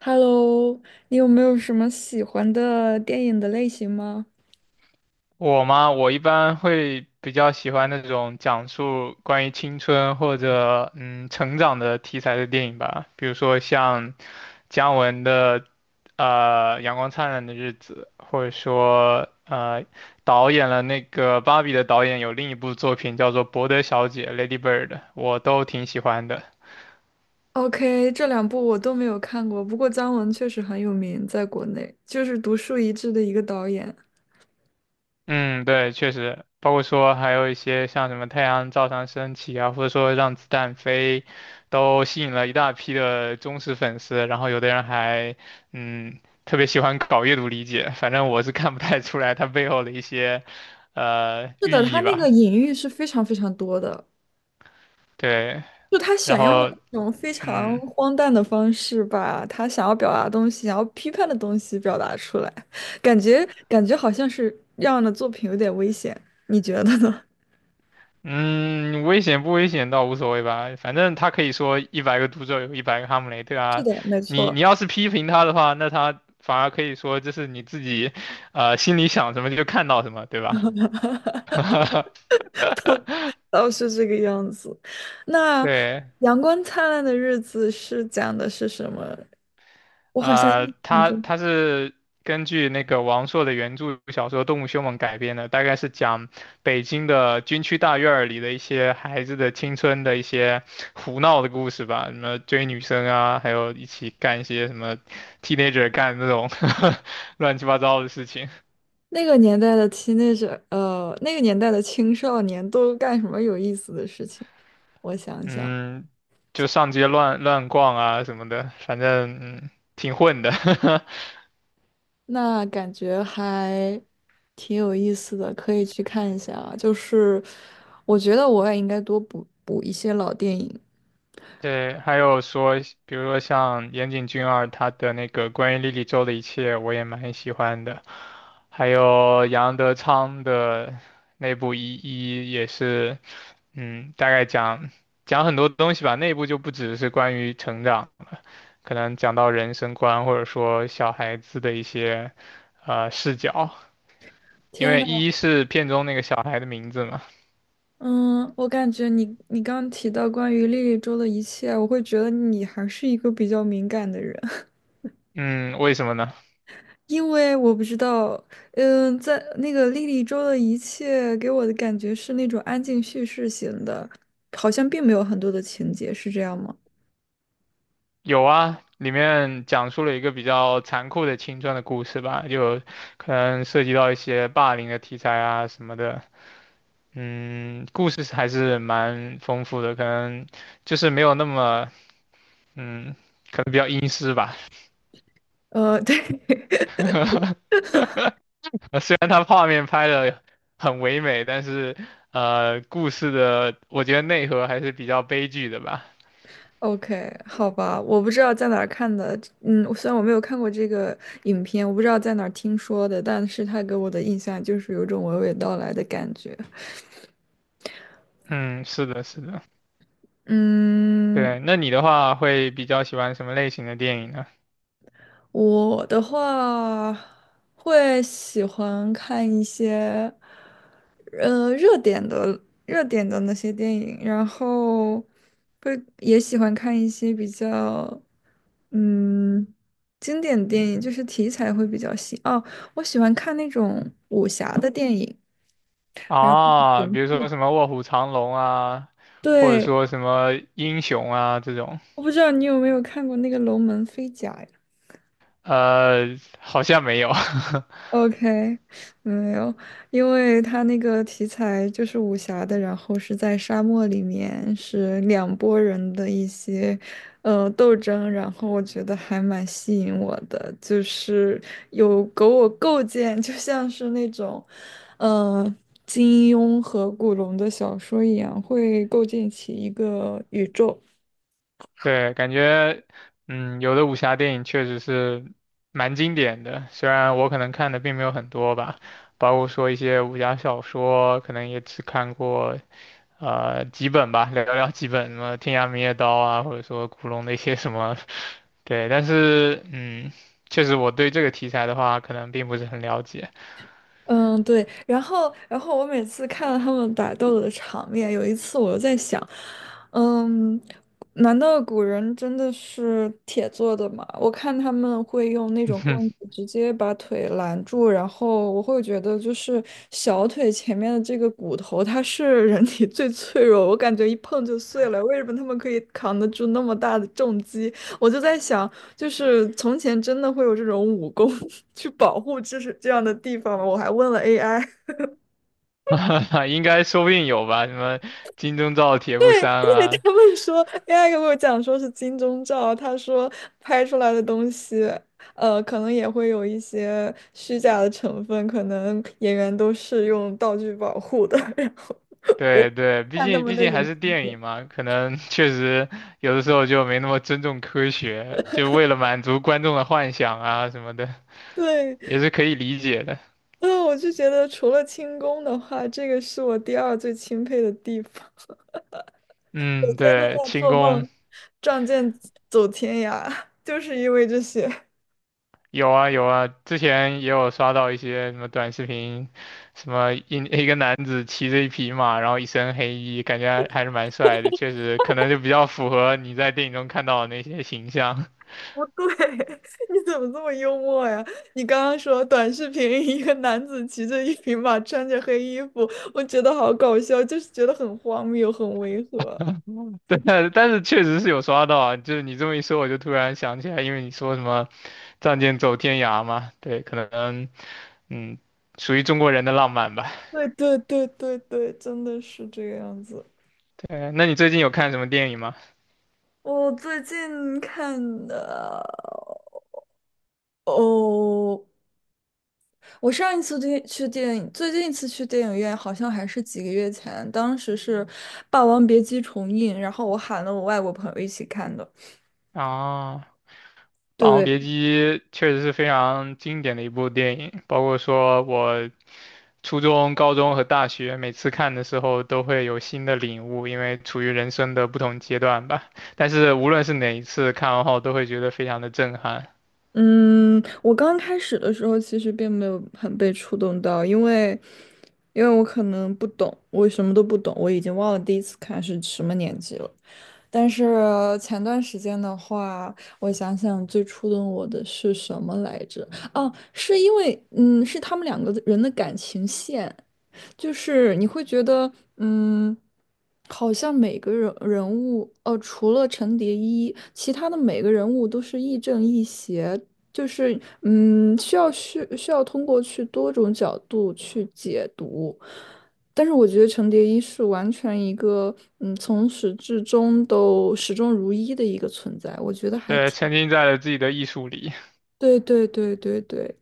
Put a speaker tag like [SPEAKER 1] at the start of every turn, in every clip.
[SPEAKER 1] Hello，你有没有什么喜欢的电影的类型吗
[SPEAKER 2] 我吗？我一般会比较喜欢那种讲述关于青春或者成长的题材的电影吧，比如说像姜文的《阳光灿烂的日子》，或者说导演了那个《芭比》的导演有另一部作品叫做《伯德小姐》（Lady Bird），我都挺喜欢的。
[SPEAKER 1] ？OK，这两部我都没有看过，不过姜文确实很有名，在国内就是独树一帜的一个导演。
[SPEAKER 2] 嗯，对，确实，包括说还有一些像什么太阳照常升起啊，或者说让子弹飞，都吸引了一大批的忠实粉丝。然后有的人还，特别喜欢搞阅读理解。反正我是看不太出来它背后的一些，
[SPEAKER 1] 是
[SPEAKER 2] 寓
[SPEAKER 1] 的，他
[SPEAKER 2] 意
[SPEAKER 1] 那个
[SPEAKER 2] 吧。
[SPEAKER 1] 隐喻是非常非常多的，
[SPEAKER 2] 对，
[SPEAKER 1] 就他
[SPEAKER 2] 然
[SPEAKER 1] 选用了
[SPEAKER 2] 后，
[SPEAKER 1] 一种非常
[SPEAKER 2] 嗯。
[SPEAKER 1] 荒诞的方式，把他想要表达的东西、想要批判的东西表达出来，感觉感觉好像是让的作品有点危险，你觉得呢？
[SPEAKER 2] 嗯，危险不危险倒无所谓吧，反正他可以说一百个读者有一百个哈姆雷特
[SPEAKER 1] 是
[SPEAKER 2] 啊。
[SPEAKER 1] 的，没
[SPEAKER 2] 你
[SPEAKER 1] 错。
[SPEAKER 2] 你要是批评他的话，那他反而可以说这是你自己，心里想什么就看到什么，对吧？
[SPEAKER 1] 哦，是这个样子。那
[SPEAKER 2] 对，
[SPEAKER 1] 《阳光灿烂的日子》是讲的是什么？我好像印象
[SPEAKER 2] 它
[SPEAKER 1] 中
[SPEAKER 2] 它是根据那个王朔的原著小说《动物凶猛》改编的，大概是讲北京的军区大院儿里的一些孩子的青春的一些胡闹的故事吧，什么追女生啊，还有一起干一些什么 teenager 干那种 乱七八糟的事情，
[SPEAKER 1] 那个年代的 teenager，那个年代的青少年都干什么有意思的事情？我想想，
[SPEAKER 2] 嗯，就上街乱乱逛啊什么的，反正挺混的。
[SPEAKER 1] 那感觉还挺有意思的，可以去看一下啊。就是我觉得我也应该多补补一些老电影。
[SPEAKER 2] 对，还有说，比如说像岩井俊二他的那个关于莉莉周的一切，我也蛮喜欢的。还有杨德昌的那部《一一》也是，大概讲讲很多东西吧。那部就不只是关于成长，可能讲到人生观，或者说小孩子的一些视角。因
[SPEAKER 1] 天
[SPEAKER 2] 为
[SPEAKER 1] 呐！
[SPEAKER 2] 一是片中那个小孩的名字嘛，
[SPEAKER 1] 嗯，我感觉你刚刚提到关于莉莉周的一切，我会觉得你还是一个比较敏感的人，
[SPEAKER 2] 嗯，为什么呢？
[SPEAKER 1] 因为我不知道，在那个莉莉周的一切给我的感觉是那种安静叙事型的，好像并没有很多的情节，是这样吗？
[SPEAKER 2] 有啊，里面讲述了一个比较残酷的青春的故事吧，就可能涉及到一些霸凌的题材啊什么的。故事还是蛮丰富的，可能就是没有那么，嗯，可能比较阴湿吧。
[SPEAKER 1] 对
[SPEAKER 2] 虽然它画面拍的很唯美，但是故事的我觉得内核还是比较悲剧的吧。
[SPEAKER 1] ，OK，好吧，我不知道在哪儿看的，虽然我没有看过这个影片，我不知道在哪儿听说的，但是它给我的印象就是有一种娓娓道来的感觉。
[SPEAKER 2] 嗯，是的，是的。
[SPEAKER 1] 嗯，
[SPEAKER 2] 对，那你的话会比较喜欢什么类型的电影呢？
[SPEAKER 1] 我的话会喜欢看一些，呃，热点的热点的那些电影，然后会也喜欢看一些比较，嗯，经典电影，就是题材会比较新。哦，我喜欢看那种武侠的电影，然后
[SPEAKER 2] 啊，比如说什么卧虎藏龙啊，或者
[SPEAKER 1] 对，
[SPEAKER 2] 说什么英雄啊这种，
[SPEAKER 1] 我不知道你有没有看过那个《龙门飞甲》呀？
[SPEAKER 2] 好像没有。
[SPEAKER 1] OK，没有，因为他那个题材就是武侠的，然后是在沙漠里面，是两拨人的一些斗争，然后我觉得还蛮吸引我的，就是有给我构建，就像是那种呃金庸和古龙的小说一样，会构建起一个宇宙。
[SPEAKER 2] 对，感觉，有的武侠电影确实是蛮经典的，虽然我可能看的并没有很多吧，包括说一些武侠小说，可能也只看过几本吧，寥寥几本，什么《天涯明月刀》啊，或者说古龙的一些什么，对，但是，确实我对这个题材的话，可能并不是很了解。
[SPEAKER 1] 嗯，对，然后我每次看到他们打斗的场面，有一次我就在想，嗯，难道古人真的是铁做的吗？我看他们会用那种棍 子直接把腿拦住，然后我会觉得就是小腿前面的这个骨头，它是人体最脆弱，我感觉一碰就碎了。为什么他们可以扛得住那么大的重击？我就在想，就是从前真的会有这种武功 去保护这是这样的地方吗？我还问了 AI，因
[SPEAKER 2] 应该说不定有吧，什么金钟罩铁布衫
[SPEAKER 1] 为
[SPEAKER 2] 啊，
[SPEAKER 1] 他们说 AI 给我讲说是金钟罩，他说拍出来的东西，可能也会有一些虚假的成分，可能演员都是用道具保护的。然后我
[SPEAKER 2] 对对，毕
[SPEAKER 1] 看他
[SPEAKER 2] 竟
[SPEAKER 1] 们
[SPEAKER 2] 毕
[SPEAKER 1] 的
[SPEAKER 2] 竟还
[SPEAKER 1] 人，
[SPEAKER 2] 是电影嘛，可能 确实有的时候就没那么尊重科学，就为了满足观众的幻想啊什么的，
[SPEAKER 1] 对，
[SPEAKER 2] 也是可以理解的。
[SPEAKER 1] 嗯，我就觉得除了轻功的话，这个是我第二最钦佩的地方。
[SPEAKER 2] 嗯，
[SPEAKER 1] 天都
[SPEAKER 2] 对，
[SPEAKER 1] 在
[SPEAKER 2] 轻
[SPEAKER 1] 做
[SPEAKER 2] 功
[SPEAKER 1] 梦，仗剑走天涯，就是因为这些。
[SPEAKER 2] 有啊有啊，之前也有刷到一些什么短视频，什么一个男子骑着一匹马，然后一身黑衣，感觉还是蛮帅的，确实可能就比较符合你在电影中看到的那些形象。
[SPEAKER 1] 对，你怎么这么幽默呀？你刚刚说短视频，一个男子骑着一匹马，穿着黑衣服，我觉得好搞笑，就是觉得很荒谬，很违和。
[SPEAKER 2] 对啊，但是确实是有刷到啊，就是你这么一说，我就突然想起来，因为你说什么“仗剑走天涯”嘛，对，可能嗯，属于中国人的浪漫吧。
[SPEAKER 1] 对对对对对，真的是这个样子。
[SPEAKER 2] 对，那你最近有看什么电影吗？
[SPEAKER 1] 我最近看的哦，我上一次去电影，最近一次去电影院好像还是几个月前，当时是《霸王别姬》重映，然后我喊了我外国朋友一起看的。
[SPEAKER 2] 啊，《霸王
[SPEAKER 1] 对，
[SPEAKER 2] 别姬》确实是非常经典的一部电影，包括说我初中、高中和大学每次看的时候都会有新的领悟，因为处于人生的不同阶段吧。但是无论是哪一次看完后，都会觉得非常的震撼。
[SPEAKER 1] 嗯，我刚开始的时候其实并没有很被触动到，因为我可能不懂，我什么都不懂，我已经忘了第一次看是什么年纪了。但是前段时间的话，我想想最触动我的是什么来着？哦，是因为是他们两个人的感情线，就是你会觉得嗯，好像每个人物，除了陈蝶衣，其他的每个人物都是亦正亦邪。就是需要通过去多种角度去解读，但是我觉得程蝶衣是完全一个，从始至终都始终如一的一个存在，我觉得还
[SPEAKER 2] 对，
[SPEAKER 1] 挺，
[SPEAKER 2] 沉浸在了自己的艺术里。
[SPEAKER 1] 对对对对对，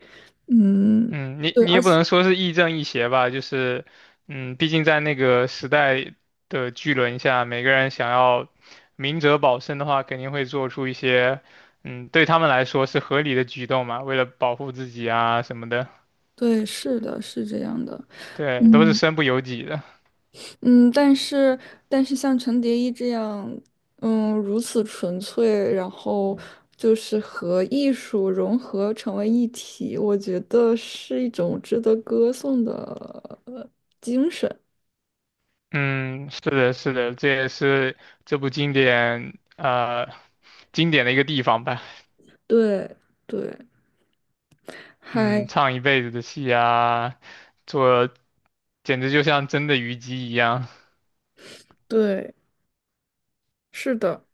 [SPEAKER 1] 嗯，
[SPEAKER 2] 嗯，你
[SPEAKER 1] 对，
[SPEAKER 2] 你也
[SPEAKER 1] 而
[SPEAKER 2] 不
[SPEAKER 1] 且
[SPEAKER 2] 能说是亦正亦邪吧，就是，毕竟在那个时代的巨轮下，每个人想要明哲保身的话，肯定会做出一些，对他们来说是合理的举动嘛，为了保护自己啊什么的，
[SPEAKER 1] 对，是的，是这样的，
[SPEAKER 2] 对，都是
[SPEAKER 1] 嗯
[SPEAKER 2] 身不由己的。
[SPEAKER 1] 嗯，但是像程蝶衣这样，如此纯粹，然后就是和艺术融合成为一体，我觉得是一种值得歌颂的精神，
[SPEAKER 2] 嗯，是的，是的，这也是这部经典，啊，经典的一个地方吧。
[SPEAKER 1] 对对，
[SPEAKER 2] 嗯，
[SPEAKER 1] 还。
[SPEAKER 2] 唱一辈子的戏啊，做。简直就像真的虞姬一样。
[SPEAKER 1] 对，是的，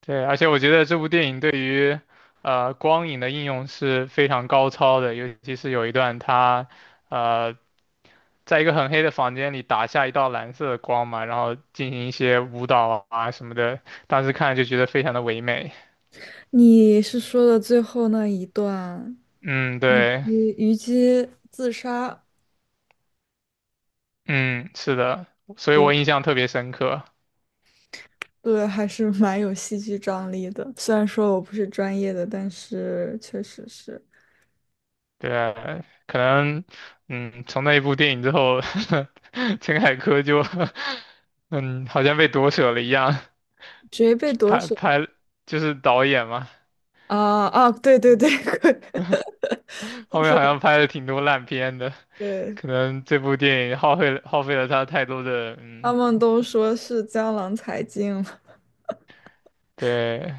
[SPEAKER 2] 对，而且我觉得这部电影对于光影的应用是非常高超的，尤其是有一段他呃在一个很黑的房间里打下一道蓝色的光嘛，然后进行一些舞蹈啊什么的，当时看就觉得非常的唯美。
[SPEAKER 1] 你是说的最后那一段，
[SPEAKER 2] 嗯，对，
[SPEAKER 1] 你虞姬自杀，
[SPEAKER 2] 嗯，是的，所以
[SPEAKER 1] 对
[SPEAKER 2] 我印象特别深刻。
[SPEAKER 1] 对，还是 蛮有戏剧张力的。虽然说我不是专业的，但是确实是
[SPEAKER 2] 对啊，可能，从那一部电影之后，陈凯歌就，嗯，好像被夺舍了一样，
[SPEAKER 1] 谁被夺
[SPEAKER 2] 拍
[SPEAKER 1] 舍
[SPEAKER 2] 拍就是导演嘛，
[SPEAKER 1] 啊啊，对对对，
[SPEAKER 2] 后
[SPEAKER 1] 就
[SPEAKER 2] 面
[SPEAKER 1] 是
[SPEAKER 2] 好像拍了挺多烂片的，
[SPEAKER 1] 对，
[SPEAKER 2] 可能这部电影耗费了他太多的，
[SPEAKER 1] 他们都说是江郎才尽了。
[SPEAKER 2] 对，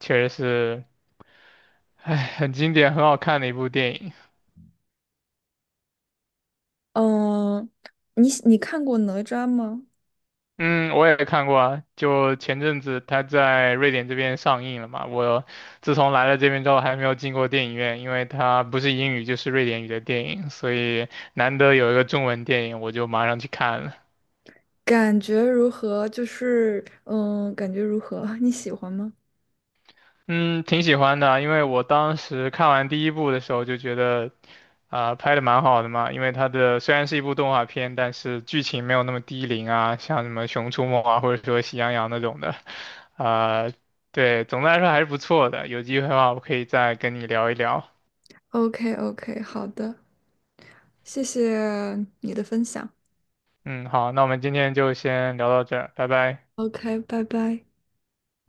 [SPEAKER 2] 确实是，哎，很经典，很好看的一部电影。
[SPEAKER 1] 嗯，你看过哪吒吗？
[SPEAKER 2] 嗯，我也看过啊，就前阵子他在瑞典这边上映了嘛。我自从来了这边之后，还没有进过电影院，因为它不是英语就是瑞典语的电影，所以难得有一个中文电影，我就马上去看了。
[SPEAKER 1] 感觉如何？就是感觉如何？你喜欢吗
[SPEAKER 2] 嗯，挺喜欢的啊，因为我当时看完第一部的时候就觉得，啊、拍的蛮好的嘛。因为它的虽然是一部动画片，但是剧情没有那么低龄啊，像什么《熊出没》啊，或者说《喜羊羊》那种的，啊、对，总的来说还是不错的。有机会的话，我可以再跟你聊一聊。
[SPEAKER 1] ？OK OK，好的。谢谢你的分享。
[SPEAKER 2] 嗯，好，那我们今天就先聊到这儿，拜拜。
[SPEAKER 1] OK，拜拜。